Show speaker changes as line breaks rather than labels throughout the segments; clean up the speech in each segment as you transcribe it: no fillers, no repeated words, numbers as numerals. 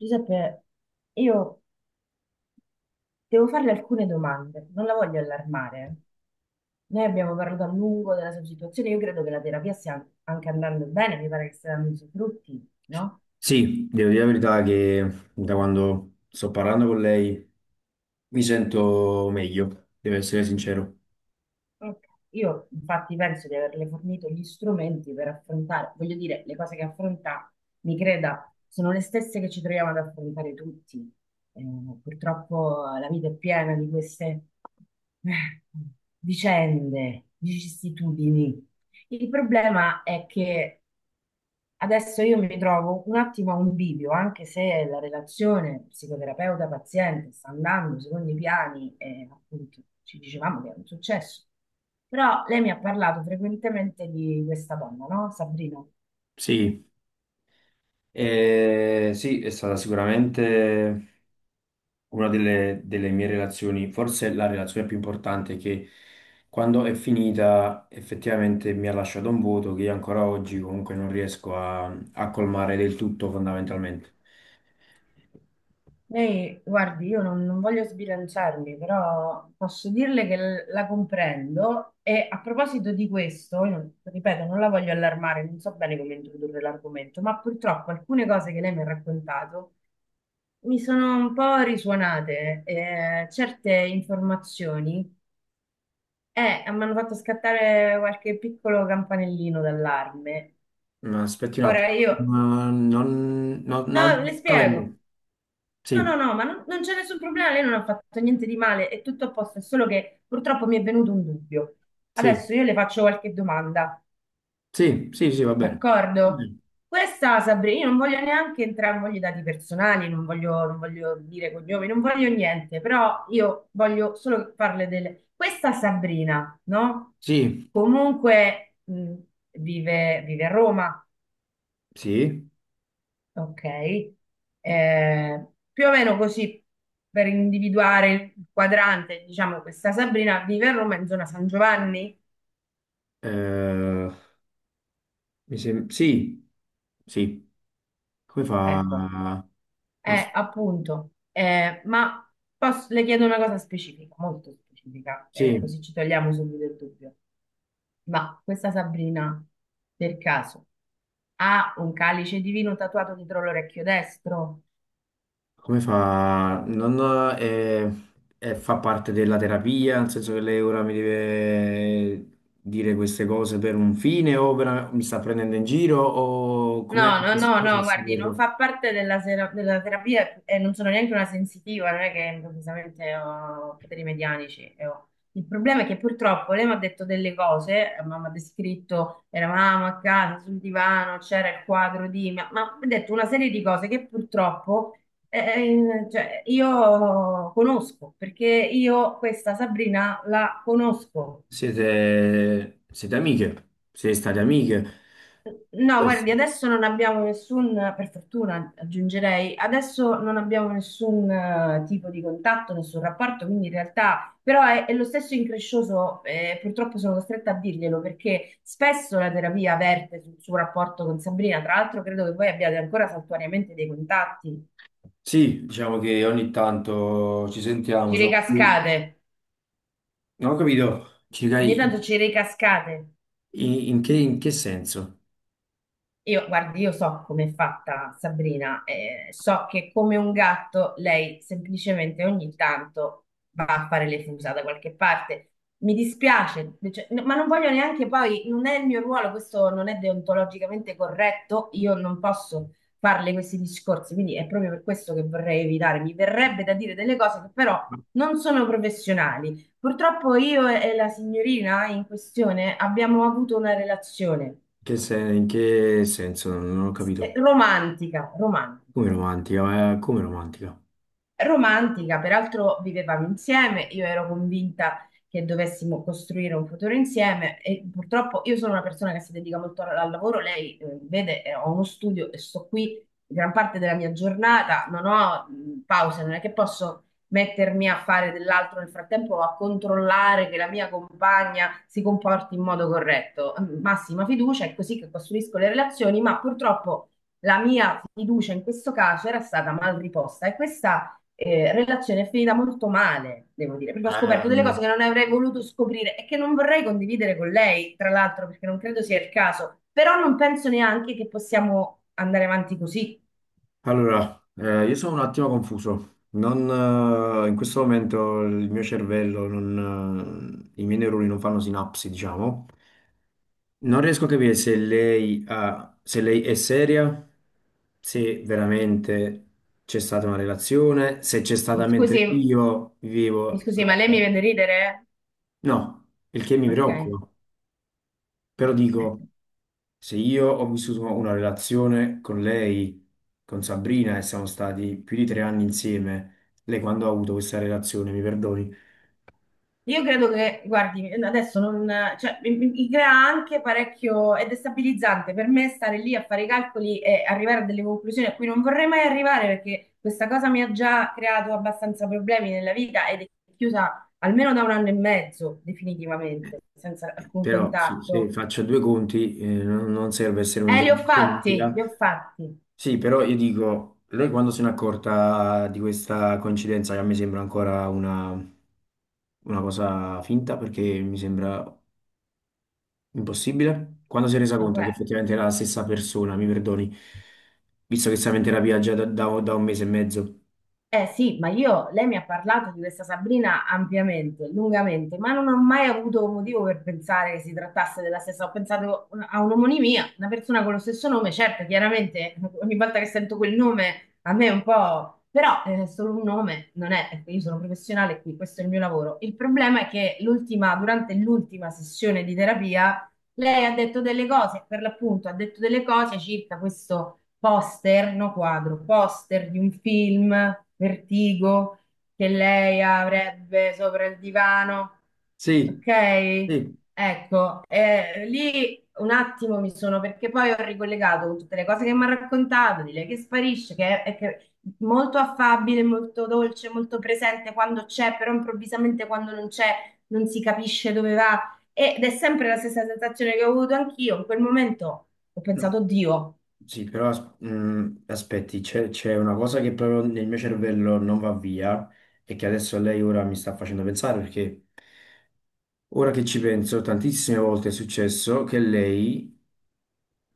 Giuseppe, io devo farle alcune domande, non la voglio allarmare. Noi abbiamo parlato a lungo della sua situazione, io credo che la terapia stia anche andando bene, mi pare che stia dando i suoi frutti, no?
Sì, devo dire la verità che da quando sto parlando con lei mi sento meglio, devo essere sincero.
Ok. Io infatti penso di averle fornito gli strumenti per affrontare, voglio dire, le cose che affronta, mi creda, sono le stesse che ci troviamo ad affrontare tutti. Eh, Purtroppo la vita è piena di queste eh, vicende, vicissitudini. Il problema è che adesso io mi trovo un attimo a un bivio, anche se la relazione psicoterapeuta-paziente sta andando secondo i piani e appunto ci dicevamo che è un successo. Però lei mi ha parlato frequentemente di questa donna, no? Sabrina.
Sì, sì, è stata sicuramente una delle mie relazioni, forse la relazione più importante che, quando è finita, effettivamente mi ha lasciato un vuoto che io ancora oggi comunque non riesco a colmare del tutto fondamentalmente.
Lei, guardi, io non voglio sbilanciarmi, però posso dirle che la comprendo e a proposito di questo, io non- ripeto, non la voglio allarmare, non so bene come introdurre l'argomento, ma purtroppo alcune cose che lei mi ha raccontato mi sono un po' risuonate, certe informazioni mi hanno fatto scattare qualche piccolo campanellino d'allarme.
Ma aspetti un
Ora
attimo,
io,
ma non
no,
sto
Le
capendo.
spiego. No, no,
Sì,
no, ma non c'è nessun problema, lei non ha fatto niente di male, è tutto a posto, è solo che purtroppo mi è venuto un dubbio.
sì.
Adesso io le faccio qualche domanda,
Sì, sì, sì, va bene. Va
d'accordo?
bene.
Questa, Sabrina, io non voglio neanche entrare, non voglio i dati personali, non voglio dire cognomi, non voglio niente, però io voglio solo farle delle... Questa Sabrina, no?
Sì,
Comunque vive a Roma.
sì,
Ok. Eh, Più o meno così per individuare il quadrante, diciamo, questa Sabrina vive a Roma in zona San Giovanni?
eh, sì, sì. Come
Ecco,
fa? Non s-
appunto. Le chiedo una cosa specifica, molto specifica,
Sì,
così ci togliamo subito il dubbio. Ma questa Sabrina, per caso, ha un calice di vino tatuato dietro l'orecchio destro?
come fa? Non, eh, fa parte della terapia, nel senso che lei ora mi deve dire queste cose per un fine o mi sta prendendo in giro o come
No, no, no,
come fa a
no, guardi, non
saperlo?
fa parte della terapia e non sono neanche una sensitiva, non è che improvvisamente ho poteri medianici. Il problema è che purtroppo lei mi ha detto delle cose, ma mi ha descritto, eravamo a casa sul divano, c'era il quadro di, ma mi ha detto una serie di cose che purtroppo cioè, io conosco, perché io questa Sabrina la conosco.
Siete amiche? Siete state amiche?
No, guardi, adesso non abbiamo nessun, per fortuna aggiungerei, adesso non abbiamo nessun tipo di contatto, nessun rapporto, quindi in realtà però è lo stesso increscioso, purtroppo sono costretta a dirglielo perché spesso la terapia verte sul suo rapporto con Sabrina, tra l'altro credo che voi abbiate ancora saltuariamente dei contatti,
Sì, diciamo che ogni tanto ci sentiamo,
ci
sono
ricascate,
non ho capito,
ogni tanto ci ricascate.
in che senso?
Io, guardi, io so come è fatta Sabrina, so che come un gatto lei semplicemente ogni tanto va a fare le fusa da qualche parte. Mi dispiace, cioè, no, ma non voglio neanche poi, non è il mio ruolo, questo non è deontologicamente corretto, io non posso farle questi discorsi, quindi è proprio per questo che vorrei evitare. Mi verrebbe da dire delle cose che però
In
non sono professionali. Purtroppo io e la signorina in questione abbiamo avuto una relazione
in che senso? Non ho capito.
romantica, romantica
Come romantica, ma come romantica?
romantica, peraltro vivevamo insieme, io ero convinta che dovessimo costruire un futuro insieme e purtroppo io sono una persona che si dedica molto al lavoro, lei vede, ho uno studio e sto qui gran parte della mia giornata, non ho pause, non è che posso mettermi a fare dell'altro nel frattempo o a controllare che la mia compagna si comporti in modo corretto. Mm. Massima fiducia, è così che costruisco le relazioni, ma purtroppo la mia fiducia in questo caso era stata mal riposta e questa relazione è finita molto male, devo dire, perché ho scoperto delle cose che non avrei voluto scoprire e che non vorrei condividere con lei, tra l'altro, perché non credo sia il caso, però non penso neanche che possiamo andare avanti così.
Allora, io sono un attimo confuso. Non, In questo momento il mio cervello, non, i miei neuroni non fanno sinapsi, diciamo. Non riesco a capire se lei, se lei è seria, se veramente c'è stata una relazione, se c'è
Mi
stata mentre
scusi,
io
mi
vivevo
scusi, ma
la...
lei mi vede ridere?
No, il che mi
Ok.
preoccupa. Però dico,
Eh,
se io ho vissuto una relazione con lei, con Sabrina, e siamo stati più di tre anni insieme, lei quando ha avuto questa relazione, mi perdoni,
Io credo che, guardi, adesso non, cioè, mi crea anche parecchio, è destabilizzante per me stare lì a fare i calcoli e arrivare a delle conclusioni a cui non vorrei mai arrivare perché questa cosa mi ha già creato abbastanza problemi nella vita ed è chiusa almeno da un anno e mezzo, definitivamente, senza alcun
però sì, se
contatto.
faccio due conti, non serve essere un
Li
genio
ho
di
fatti, li ho
matematica.
fatti.
Sì, però io dico, lei quando se n'è accorta di questa coincidenza, che a me sembra ancora una cosa finta, perché mi sembra impossibile? Quando si è resa
No,
conto che
guarda.
effettivamente era la stessa persona, mi perdoni, visto che stava in terapia già da un mese e mezzo.
Eh sì, ma io, lei mi ha parlato di questa Sabrina ampiamente, lungamente, ma non ho mai avuto motivo per pensare che si trattasse della stessa. Ho pensato a un'omonimia, una persona con lo stesso nome, certo, chiaramente ogni volta che sento quel nome a me è un po'... però è solo un nome, non è... ecco. Io sono professionale qui, questo è il mio lavoro. Il problema è che l'ultima, durante l'ultima sessione di terapia, lei ha detto delle cose, per l'appunto ha detto delle cose circa questo poster, no quadro, poster di un film, Vertigo, che lei avrebbe sopra il divano.
Sì,
Ok?
sì.
Ecco, lì un attimo mi sono, perché poi ho ricollegato con tutte le cose che mi ha raccontato, di lei che sparisce, che è che- molto affabile, molto dolce, molto presente quando c'è, però improvvisamente quando non c'è non si capisce dove va. Ed è sempre la stessa sensazione che ho avuto anch'io. In quel momento ho
No.
pensato, Dio.
Sì, però aspetti, c'è una cosa che proprio nel mio cervello non va via e che adesso lei ora mi sta facendo pensare, perché ora che ci penso, tantissime volte è successo che lei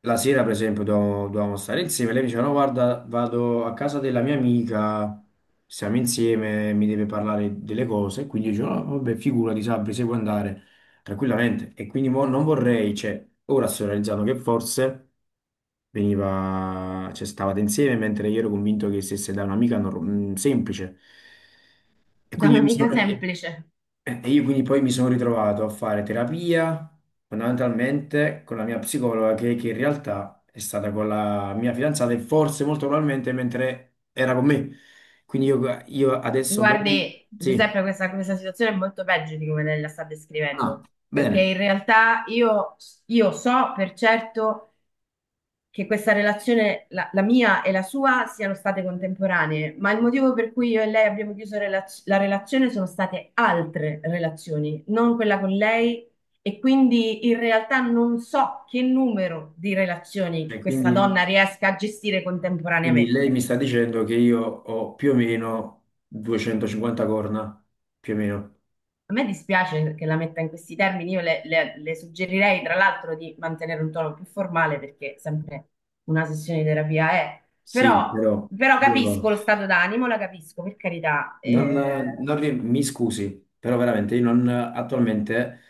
la sera, per esempio, dovevamo stare insieme. Lei mi diceva: "No, guarda, vado a casa della mia amica, siamo insieme, mi deve parlare delle cose." Quindi io dicevo: "No, vabbè, figurati, Sabri, se vuoi andare tranquillamente." E quindi mo non vorrei, cioè, ora sto realizzando che forse veniva, cioè, stavate insieme, mentre io ero convinto che stesse da un'amica semplice. E
Da
quindi io mi sono.
un'amica semplice.
E io quindi poi mi sono ritrovato a fare terapia fondamentalmente con la mia psicologa che in realtà è stata con la mia fidanzata e forse molto probabilmente mentre era con me. Quindi io adesso dopo...
Guardi,
Sì.
Giuseppe, questa situazione è molto peggio di come lei la sta
Ah,
descrivendo, perché
bene.
in realtà io so per certo che questa relazione, la mia e la sua, siano state contemporanee, ma il motivo per cui io e lei abbiamo chiuso la relazione sono state altre relazioni, non quella con lei, e quindi in realtà non so che numero di
E
relazioni questa
quindi,
donna riesca a gestire
quindi lei
contemporaneamente.
mi sta dicendo che io ho più o meno 250 corna, più o meno.
A me dispiace che la metta in questi termini, io le suggerirei tra l'altro di mantenere un tono più formale perché sempre una sessione di terapia è, però,
Sì, però...
però
io no.
capisco lo stato d'animo, la capisco, per carità.
Non, non rie- mi scusi, però veramente io non, attualmente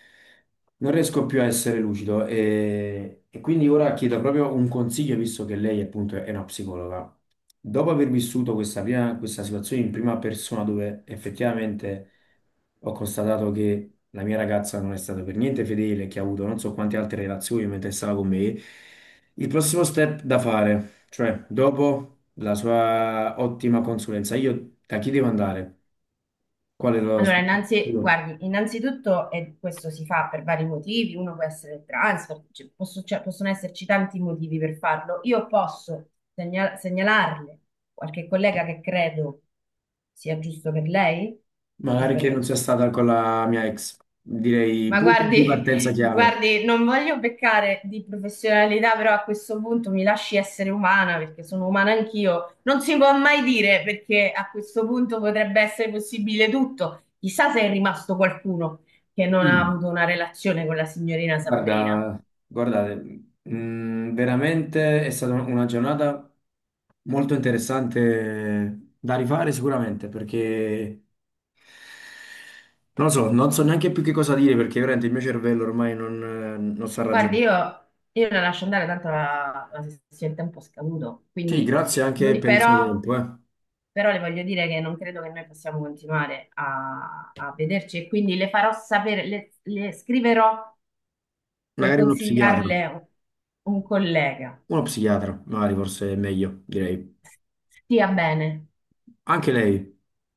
non riesco più a essere lucido e quindi ora chiedo proprio un consiglio, visto che lei appunto è una psicologa. Dopo aver vissuto questa, prima, questa situazione in prima persona dove effettivamente ho constatato che la mia ragazza non è stata per niente fedele, che ha avuto non so quante altre relazioni mentre stava con me, il prossimo step da fare. Cioè, dopo la sua ottima consulenza, io da chi devo andare? Qual è lo statistico?
Guardi, innanzitutto, e questo si fa per vari motivi, uno può essere transfer, cioè, possono esserci tanti motivi per farlo, io posso segnalarle qualche collega che credo sia giusto per lei e
Magari che
per
non
il...
sia stata con la mia ex. Direi
Ma
punto di partenza
guardi,
chiave.
guardi, non voglio peccare di professionalità, però a questo punto mi lasci essere umana perché sono umana anch'io. Non si può mai dire perché a questo punto potrebbe essere possibile tutto. Chissà se è rimasto qualcuno che non ha
Mm.
avuto una relazione con la signorina Sabrina.
Guarda, guardate, mm, veramente è stata una giornata molto interessante da rifare sicuramente, perché non lo so, non so neanche più che cosa dire, perché veramente il mio cervello ormai non sta
Guardi,
ragionando.
io la lascio andare, tanto la sessione è tempo scaduto.
Sì,
Quindi,
grazie anche per il suo
però.
tempo, eh.
Però le voglio dire che non credo che noi possiamo continuare a, a vederci e quindi le farò sapere, le scriverò per
Magari
consigliarle un collega.
uno psichiatra, magari forse è meglio, direi.
Stia bene.
Anche lei.